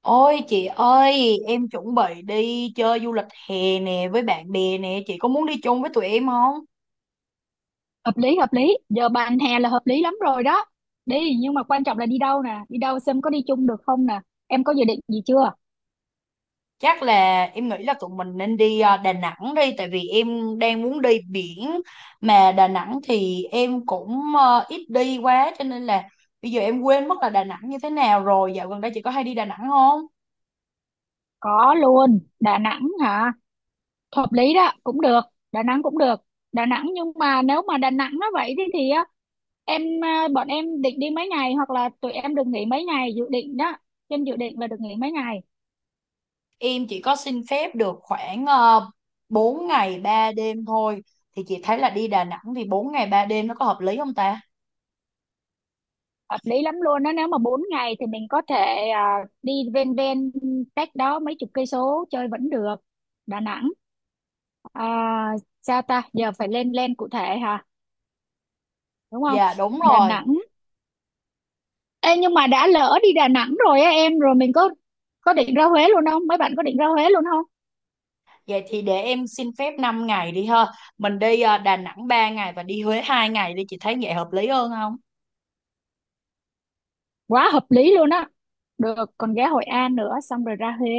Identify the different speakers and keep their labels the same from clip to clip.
Speaker 1: Ôi chị ơi, em chuẩn bị đi chơi du lịch hè nè với bạn bè nè, chị có muốn đi chung với tụi em không?
Speaker 2: Hợp lý, hợp lý. Giờ bàn hè là hợp lý lắm rồi đó. Đi, nhưng mà quan trọng là đi đâu nè, đi đâu xem có đi chung được không nè. Em có dự định gì chưa?
Speaker 1: Chắc là em nghĩ là tụi mình nên đi Đà Nẵng đi, tại vì em đang muốn đi biển, mà Đà Nẵng thì em cũng ít đi quá, cho nên là bây giờ em quên mất là Đà Nẵng như thế nào rồi. Dạo gần đây chị có hay đi Đà Nẵng không?
Speaker 2: Có luôn, Đà Nẵng hả? Hợp lý đó, cũng được. Đà Nẵng cũng được. Đà Nẵng, nhưng mà nếu mà Đà Nẵng nó vậy thì á, bọn em định đi mấy ngày, hoặc là tụi em được nghỉ mấy ngày dự định đó. Trên dự định là được nghỉ mấy ngày?
Speaker 1: Em chỉ có xin phép được khoảng uh, 4 ngày 3 đêm thôi, thì chị thấy là đi Đà Nẵng thì 4 ngày 3 đêm nó có hợp lý không ta?
Speaker 2: Hợp lý lắm luôn đó. Nếu mà 4 ngày thì mình có thể đi ven ven, cách đó mấy chục cây số chơi vẫn được. Đà Nẵng. À, Sao ta, giờ phải lên lên cụ thể hả, đúng không?
Speaker 1: Dạ đúng
Speaker 2: Đà
Speaker 1: rồi.
Speaker 2: Nẵng. Ê, nhưng mà đã lỡ đi Đà Nẵng rồi á em, rồi mình có định ra Huế luôn không, mấy bạn có định ra Huế luôn không?
Speaker 1: Vậy thì để em xin phép 5 ngày đi ha. Mình đi Đà Nẵng 3 ngày và đi Huế 2 ngày đi. Chị thấy vậy hợp lý hơn không?
Speaker 2: Quá hợp lý luôn á. Được, còn ghé Hội An nữa xong rồi ra Huế,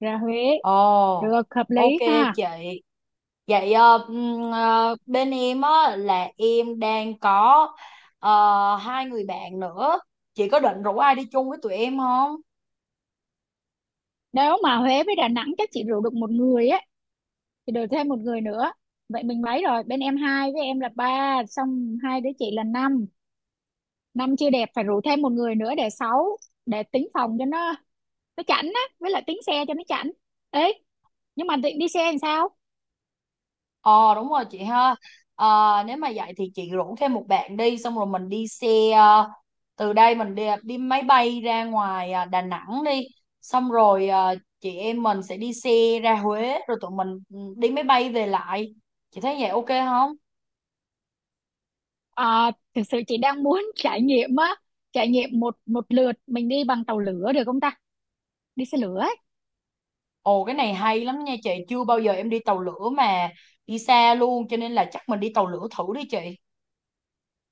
Speaker 2: ra Huế.
Speaker 1: Ồ,
Speaker 2: Được, hợp
Speaker 1: ok
Speaker 2: lý, ha.
Speaker 1: chị. Vậy bên em á, là em đang có ờ, hai người bạn nữa. Chị có định rủ ai đi chung với tụi em không?
Speaker 2: Nếu mà Huế với Đà Nẵng chắc chị rủ được một người á, thì được thêm một người nữa. Vậy mình mấy rồi, bên em hai với em là ba, xong hai đứa chị là năm. Năm chưa đẹp, phải rủ thêm một người nữa để sáu, để tính phòng cho nó chảnh á, với lại tiếng xe cho nó chảnh ấy. Nhưng mà định đi xe làm sao?
Speaker 1: Ờ, đúng rồi chị ha. Nếu mà vậy thì chị rủ thêm một bạn đi. Xong rồi mình đi xe ờ, từ đây mình đi máy bay ra ngoài Đà Nẵng đi. Xong rồi chị em mình sẽ đi xe ra Huế. Rồi tụi mình đi máy bay về lại. Chị thấy vậy ok không?
Speaker 2: Ờ, Thực sự chị đang muốn trải nghiệm á, trải nghiệm một một lượt mình đi bằng tàu lửa được không ta, đi xe lửa ấy.
Speaker 1: Ồ, cái này hay lắm nha chị. Chưa bao giờ em đi tàu lửa mà. Đi xa luôn cho nên là chắc mình đi tàu lửa thử đi chị.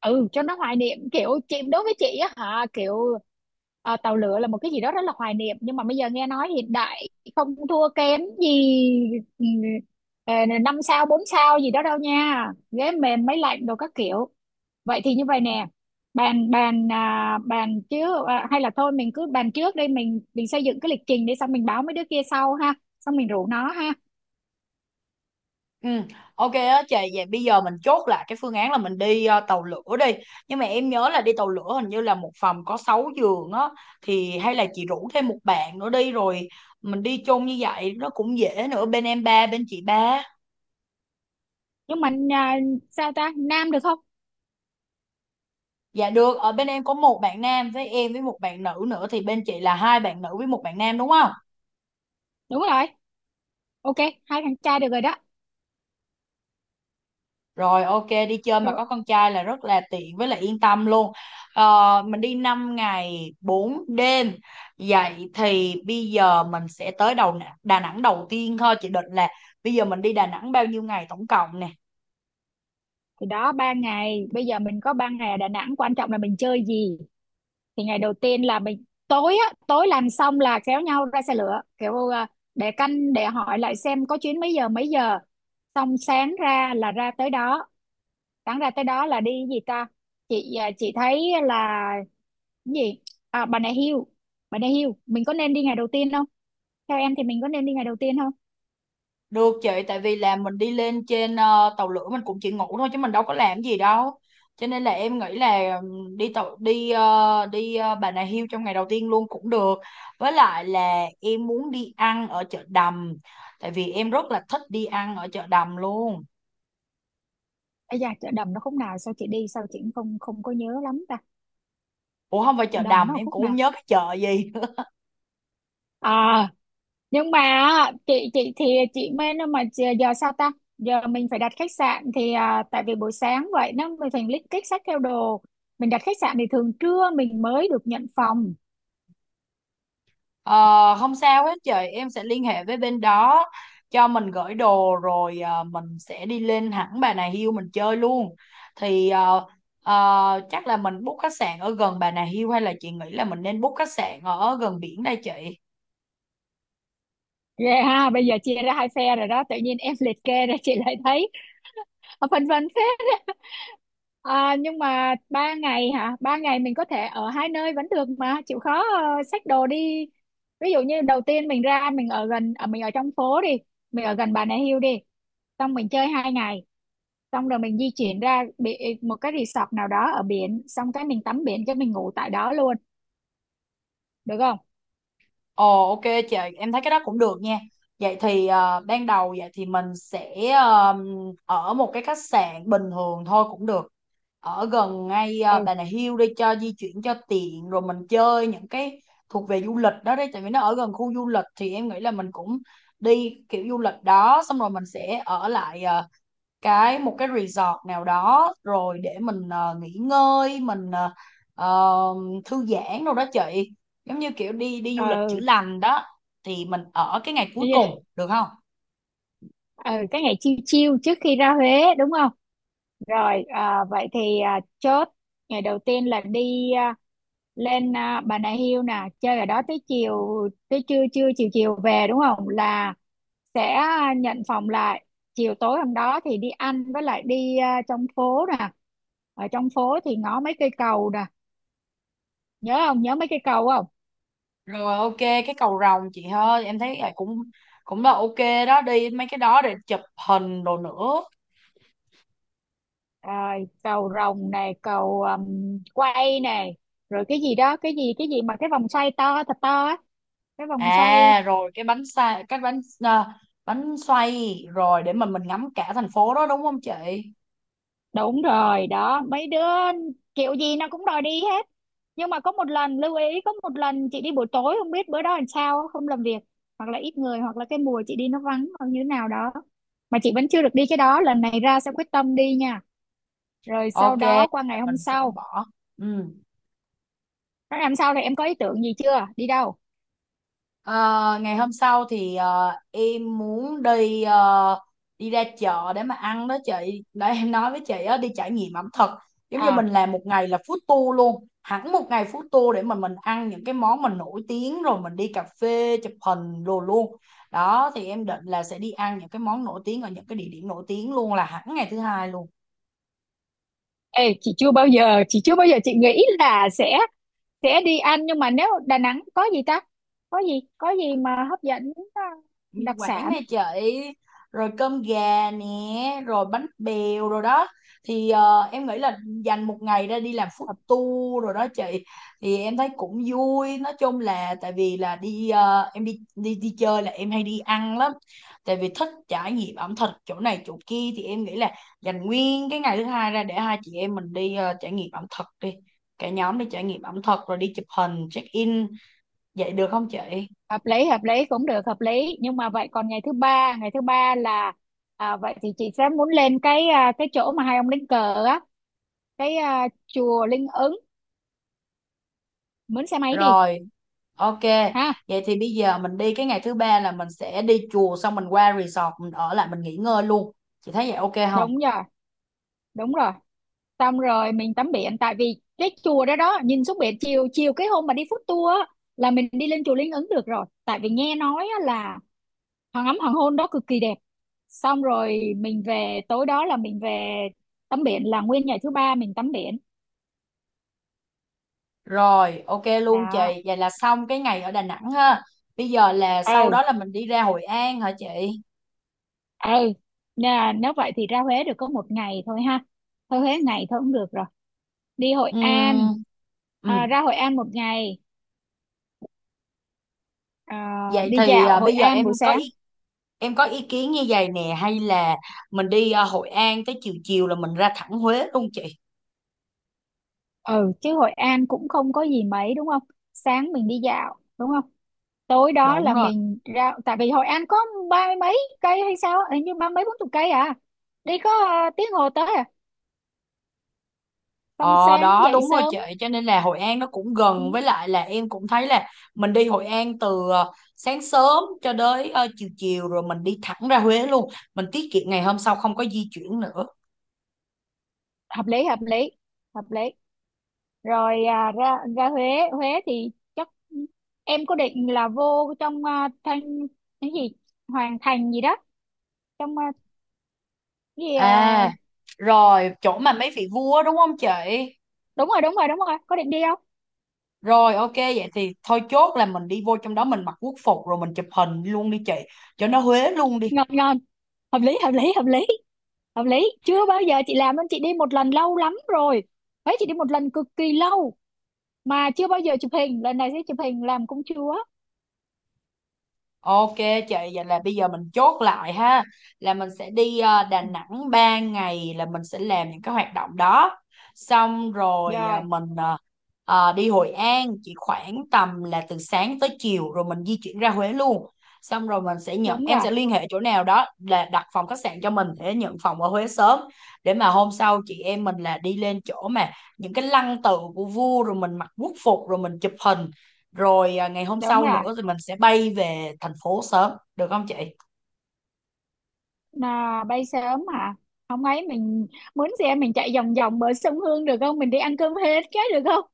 Speaker 2: Ừ, cho nó hoài niệm, kiểu chị, đối với chị á hả, kiểu tàu lửa là một cái gì đó rất là hoài niệm, nhưng mà bây giờ nghe nói hiện đại không thua kém gì ừ, ờ, năm sao bốn sao gì đó đâu nha, ghế mềm máy lạnh đồ các kiểu. Vậy thì như vậy nè, bàn bàn à, bàn trước à, hay là thôi mình cứ bàn trước đây, mình xây dựng cái lịch trình để xong mình báo mấy đứa kia sau ha, xong mình rủ nó ha.
Speaker 1: Ừ, ok á chị, vậy bây giờ mình chốt lại cái phương án là mình đi tàu lửa đi. Nhưng mà em nhớ là đi tàu lửa hình như là một phòng có 6 giường á, thì hay là chị rủ thêm một bạn nữa đi rồi mình đi chung như vậy nó cũng dễ nữa, bên em ba bên chị ba.
Speaker 2: nhưng mà à, Sao ta, nam được không?
Speaker 1: Dạ được, ở bên em có một bạn nam với em với một bạn nữ nữa, thì bên chị là hai bạn nữ với một bạn nam đúng không?
Speaker 2: Đúng rồi, ok, hai thằng trai được rồi đó.
Speaker 1: Rồi, ok, đi chơi mà
Speaker 2: Rồi
Speaker 1: có con trai là rất là tiện với lại yên tâm luôn. Ờ, mình đi 5 ngày 4 đêm. Vậy thì bây giờ mình sẽ tới đầu Đà Nẵng đầu tiên thôi. Chị định là bây giờ mình đi Đà Nẵng bao nhiêu ngày tổng cộng nè?
Speaker 2: thì đó, ba ngày. Bây giờ mình có 3 ngày ở Đà Nẵng, quan trọng là mình chơi gì. Thì ngày đầu tiên là mình tối á, tối làm xong là kéo nhau ra xe lửa, để canh, để hỏi lại xem có chuyến mấy giờ mấy giờ, xong sáng ra là ra tới đó. Đáng ra tới đó là đi cái gì ta? Chị thấy là cái gì, Bà Nà Hills. Bà Nà Hills mình có nên đi ngày đầu tiên không, theo em thì mình có nên đi ngày đầu tiên không?
Speaker 1: Được chị, tại vì là mình đi lên trên tàu lửa mình cũng chỉ ngủ thôi chứ mình đâu có làm gì đâu. Cho nên là em nghĩ là đi tàu đi đi Bà Nà Hills trong ngày đầu tiên luôn cũng được. Với lại là em muốn đi ăn ở chợ Đầm, tại vì em rất là thích đi ăn ở chợ Đầm luôn.
Speaker 2: Ây da, chợ Đầm nó khúc nào, sao chị đi sao chị cũng không không có nhớ lắm ta.
Speaker 1: Ủa không phải
Speaker 2: Chợ
Speaker 1: chợ
Speaker 2: Đầm
Speaker 1: Đầm,
Speaker 2: nó ở
Speaker 1: em
Speaker 2: khúc
Speaker 1: cũng
Speaker 2: nào,
Speaker 1: không nhớ cái chợ gì.
Speaker 2: à, nhưng mà á, chị thì chị mê nó mà giờ giờ sao ta. Giờ mình phải đặt khách sạn thì à, tại vì buổi sáng vậy nó mình phải list kích sách theo đồ, mình đặt khách sạn thì thường trưa mình mới được nhận phòng.
Speaker 1: Ờ, không sao hết chị, em sẽ liên hệ với bên đó cho mình gửi đồ rồi mình sẽ đi lên hẳn Bà Nà Hills mình chơi luôn, thì chắc là mình book khách sạn ở gần Bà Nà Hills hay là chị nghĩ là mình nên book khách sạn ở gần biển đây chị?
Speaker 2: Ghê ha, bây giờ chia ra hai phe rồi đó, tự nhiên em liệt kê ra chị lại thấy phân vân phết. À, nhưng mà 3 ngày hả? Ba ngày mình có thể ở 2 nơi vẫn được mà, chịu khó xách đồ đi. Ví dụ như đầu tiên mình ra mình ở gần, ở mình ở trong phố đi, mình ở gần Bà Nà Hills đi, xong mình chơi 2 ngày, xong rồi mình di chuyển ra bị một cái resort nào đó ở biển, xong cái mình tắm biển cho mình ngủ tại đó luôn, được không?
Speaker 1: Ồ, ok chị, em thấy cái đó cũng được nha. Vậy thì ban đầu vậy thì mình sẽ ở một cái khách sạn bình thường thôi cũng được. Ở gần ngay
Speaker 2: Ừ,
Speaker 1: Bà Nà Hills đi cho di chuyển cho tiện rồi mình chơi những cái thuộc về du lịch đó đấy, tại vì nó ở gần khu du lịch thì em nghĩ là mình cũng đi kiểu du lịch đó, xong rồi mình sẽ ở lại một cái resort nào đó rồi để mình nghỉ ngơi, mình ờ, thư giãn đâu đó chị, giống như kiểu đi đi du lịch chữa
Speaker 2: ừ,
Speaker 1: lành đó, thì mình ở cái ngày cuối
Speaker 2: yeah.
Speaker 1: cùng được không?
Speaker 2: Ừ, cái ngày chill chill trước khi ra Huế, đúng không? Rồi, à, vậy thì à, chốt ngày đầu tiên là đi lên Bà Nà Hills nè, chơi ở đó tới chiều, tới trưa, trưa chiều chiều về, đúng không? Là sẽ nhận phòng lại. Chiều tối hôm đó thì đi ăn, với lại đi trong phố nè. Ở trong phố thì ngó mấy cây cầu nè, nhớ không? Nhớ mấy cây cầu không?
Speaker 1: Rồi, ok, cái cầu rồng chị ơi, em thấy là cũng cũng là ok. Đó, đi mấy cái đó để chụp hình đồ nữa.
Speaker 2: À, cầu Rồng này, cầu quay này, rồi cái gì đó, cái gì mà cái vòng xoay to thật to á, cái vòng xoay.
Speaker 1: À, rồi cái bánh ờ, bánh xoay rồi để mình ngắm cả thành phố đó đúng không chị?
Speaker 2: Đúng rồi, đó, mấy đứa kiểu gì nó cũng đòi đi hết. Nhưng mà có một lần lưu ý, có một lần chị đi buổi tối không biết bữa đó làm sao không làm việc, hoặc là ít người, hoặc là cái mùa chị đi nó vắng, hoặc như thế nào đó, mà chị vẫn chưa được đi cái đó, lần này ra sẽ quyết tâm đi nha. Rồi sau
Speaker 1: Ok,
Speaker 2: đó qua ngày hôm
Speaker 1: mình sẽ
Speaker 2: sau
Speaker 1: bỏ. Ừ.
Speaker 2: nó làm sao thì em có ý tưởng gì chưa, đi đâu?
Speaker 1: Ờ, ngày hôm sau thì em muốn đi ờ, đi ra chợ để mà ăn đó chị. Để em nói với chị á, đi trải nghiệm ẩm thực. Giống như
Speaker 2: À,
Speaker 1: mình làm một ngày là food tour luôn. Hẳn một ngày food tour để mà mình ăn những cái món mình nổi tiếng rồi mình đi cà phê chụp hình đồ luôn. Đó, thì em định là sẽ đi ăn những cái món nổi tiếng ở những cái địa điểm nổi tiếng luôn là hẳn ngày thứ hai luôn.
Speaker 2: ê, chị chưa bao giờ chị nghĩ là sẽ đi ăn, nhưng mà nếu Đà Nẵng có gì ta, có gì, có gì mà hấp dẫn
Speaker 1: Mì
Speaker 2: đặc
Speaker 1: Quảng
Speaker 2: sản.
Speaker 1: nè chị, rồi cơm gà nè, rồi bánh bèo rồi đó, thì em nghĩ là dành một ngày ra đi làm food tour rồi đó chị, thì em thấy cũng vui, nói chung là tại vì là đi em đi đi đi chơi là em hay đi ăn lắm, tại vì thích trải nghiệm ẩm thực chỗ này chỗ kia, thì em nghĩ là dành nguyên cái ngày thứ hai ra để hai chị em mình đi trải nghiệm ẩm thực đi, cả nhóm đi trải nghiệm ẩm thực rồi đi chụp hình check in, vậy được không chị?
Speaker 2: Hợp lý hợp lý, cũng được, hợp lý. Nhưng mà vậy còn ngày thứ ba, ngày thứ ba là à, vậy thì chị sẽ muốn lên cái cái chỗ mà hai ông đánh cờ á, cái chùa Linh Ứng, mướn xe máy đi
Speaker 1: Rồi. Ok,
Speaker 2: ha.
Speaker 1: vậy thì bây giờ mình đi cái ngày thứ ba là mình sẽ đi chùa xong mình qua resort mình ở lại mình nghỉ ngơi luôn. Chị thấy vậy ok không?
Speaker 2: Đúng rồi, đúng rồi, xong rồi mình tắm biển, tại vì cái chùa đó đó nhìn xuống biển. Chiều chiều cái hôm mà đi food tour á, là mình đi lên chùa Linh Ứng được rồi, tại vì nghe nói á là hoàng ấm, hoàng hôn đó cực kỳ đẹp, xong rồi mình về tối đó là mình về tắm biển, là nguyên ngày thứ ba mình tắm biển.
Speaker 1: Rồi, ok luôn chị.
Speaker 2: Đó.
Speaker 1: Vậy là xong cái ngày ở Đà Nẵng ha. Bây giờ là sau đó
Speaker 2: Ừ,
Speaker 1: là mình đi ra Hội An hả chị?
Speaker 2: ừ, nè, nếu vậy thì ra Huế được có 1 ngày thôi ha. Thôi Huế ngày thôi cũng được rồi. Đi Hội An,
Speaker 1: Ừm. Ừm.
Speaker 2: ra Hội An 1 ngày, à,
Speaker 1: Vậy
Speaker 2: đi
Speaker 1: thì
Speaker 2: dạo Hội
Speaker 1: bây giờ
Speaker 2: An buổi sáng.
Speaker 1: em có ý kiến như vậy nè, hay là mình đi Hội An tới chiều chiều là mình ra thẳng Huế luôn chị?
Speaker 2: Ừ, chứ Hội An cũng không có gì mấy đúng không, sáng mình đi dạo đúng không, tối đó
Speaker 1: Đúng
Speaker 2: là
Speaker 1: rồi.
Speaker 2: mình ra, tại vì Hội An có ba mươi mấy cây hay sao, hình như ba mấy bốn chục cây à, đi có tiếng hồ tới à, xong
Speaker 1: Ờ
Speaker 2: sáng
Speaker 1: đó
Speaker 2: dậy
Speaker 1: đúng rồi
Speaker 2: sớm.
Speaker 1: chị, cho nên là Hội An nó cũng
Speaker 2: Ừ,
Speaker 1: gần, với lại là em cũng thấy là mình đi Hội An từ sáng sớm cho đến chiều chiều rồi mình đi thẳng ra Huế luôn, mình tiết kiệm ngày hôm sau không có di chuyển nữa.
Speaker 2: hợp lý hợp lý hợp lý. Rồi à, ra ra Huế. Huế thì chắc em có định là vô trong thanh, cái gì, Hoàng Thành gì đó, trong cái gì
Speaker 1: À, rồi chỗ mà mấy vị vua đúng không chị?
Speaker 2: đúng rồi đúng rồi đúng rồi, có định đi không?
Speaker 1: Rồi, ok, vậy thì thôi chốt là mình đi vô trong đó mình mặc quốc phục rồi mình chụp hình luôn đi chị, cho nó Huế luôn đi.
Speaker 2: Ngon ngon, hợp lý hợp lý hợp lý hợp lý. Chưa bao giờ chị làm, nên chị đi một lần lâu lắm rồi. Huế chị đi một lần cực kỳ lâu mà chưa bao giờ chụp hình, lần này sẽ chụp hình làm công chúa.
Speaker 1: Ok chị, vậy là bây giờ mình chốt lại ha, là mình sẽ đi Đà
Speaker 2: Ừ.
Speaker 1: Nẵng 3 ngày là mình sẽ làm những cái hoạt động đó. Xong rồi
Speaker 2: Rồi,
Speaker 1: mình đi Hội An chỉ khoảng tầm là từ sáng tới chiều rồi mình di chuyển ra Huế luôn. Xong rồi mình sẽ nhận,
Speaker 2: đúng
Speaker 1: em
Speaker 2: rồi,
Speaker 1: sẽ liên hệ chỗ nào đó là đặt phòng khách sạn cho mình để nhận phòng ở Huế sớm, để mà hôm sau chị em mình là đi lên chỗ mà những cái lăng tự của vua rồi mình mặc quốc phục rồi mình chụp hình, rồi ngày hôm
Speaker 2: đúng
Speaker 1: sau
Speaker 2: rồi.
Speaker 1: nữa thì mình sẽ bay về thành phố sớm được không chị?
Speaker 2: Là bay sớm à, không ấy mình mướn xe mình chạy vòng vòng bờ sông Hương được không, mình đi ăn cơm hết cái được không.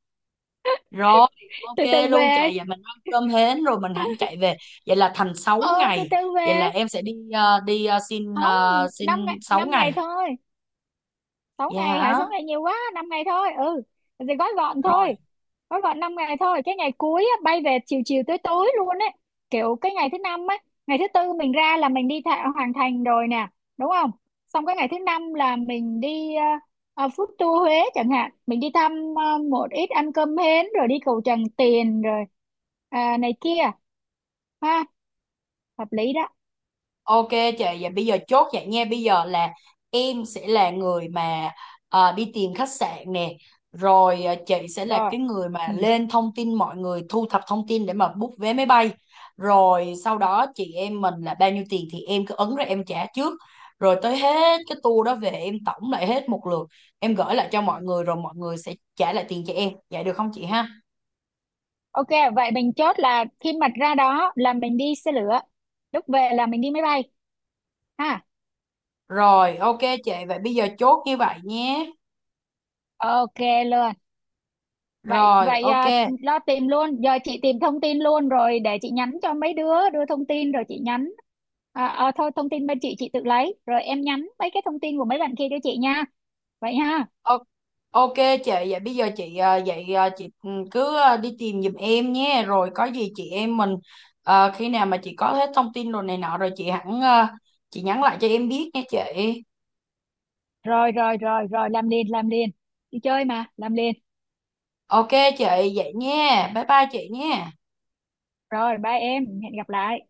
Speaker 1: Rồi
Speaker 2: Từ từ
Speaker 1: ok luôn chị,
Speaker 2: về.
Speaker 1: vậy mình ăn cơm hến rồi mình hẳn chạy về. Vậy là thành 6
Speaker 2: Ờ, từ
Speaker 1: ngày.
Speaker 2: từ
Speaker 1: Vậy
Speaker 2: về.
Speaker 1: là em sẽ đi à, đi
Speaker 2: Không,
Speaker 1: à, xin
Speaker 2: 5 ngày,
Speaker 1: 6
Speaker 2: năm ngày
Speaker 1: ngày.
Speaker 2: thôi. Sáu
Speaker 1: Dạ
Speaker 2: ngày hả?
Speaker 1: hả.
Speaker 2: 6 ngày nhiều quá, năm ngày thôi. Ừ, thì gói gọn
Speaker 1: Rồi.
Speaker 2: thôi. Gói gọn 5 ngày thôi. Cái ngày cuối á, bay về chiều chiều tối tối luôn ấy, kiểu cái ngày thứ năm á. Ngày thứ tư mình ra là mình đi thạ, Hoàn Thành rồi nè, đúng không? Xong cái ngày thứ năm là mình đi food tour Huế chẳng hạn, mình đi thăm một ít, ăn cơm hến rồi đi cầu Tràng Tiền rồi à, này kia, ha, hợp lý đó.
Speaker 1: Ok chị, vậy bây giờ chốt vậy nha. Bây giờ là em sẽ là người mà đi tìm khách sạn nè. Rồi chị sẽ là
Speaker 2: Rồi.
Speaker 1: cái người mà
Speaker 2: Ừ.
Speaker 1: lên thông tin mọi người, thu thập thông tin để mà book vé máy bay. Rồi sau đó chị em mình là bao nhiêu tiền thì em cứ ấn ra em trả trước. Rồi tới hết cái tour đó về em tổng lại hết một lượt. Em gửi lại cho mọi người rồi mọi người sẽ trả lại tiền cho em. Vậy được không chị ha?
Speaker 2: Ok, vậy mình chốt là khi mà ra đó là mình đi xe lửa, lúc về là mình đi máy bay, ha.
Speaker 1: Rồi ok chị, vậy bây giờ chốt như vậy nhé.
Speaker 2: Ok luôn. Vậy
Speaker 1: Rồi
Speaker 2: vậy
Speaker 1: ok.
Speaker 2: à, lo tìm luôn, giờ chị tìm thông tin luôn rồi để chị nhắn cho mấy đứa đưa thông tin rồi chị nhắn, à, à, thôi, thông tin bên chị tự lấy, rồi em nhắn mấy cái thông tin của mấy bạn kia cho chị nha, vậy ha.
Speaker 1: Ô- Ok chị, vậy bây giờ chị à, vậy à, chị ừ, cứ à, đi tìm giùm em nhé, rồi có gì chị em mình khi nào mà chị có hết thông tin rồi này nọ rồi chị hẳn chị nhắn lại cho em biết nha chị.
Speaker 2: Rồi rồi rồi rồi, làm liền làm liền, đi chơi mà, làm liền.
Speaker 1: Ok chị, vậy nha, bye bye chị nha.
Speaker 2: Rồi, bye em, hẹn gặp lại.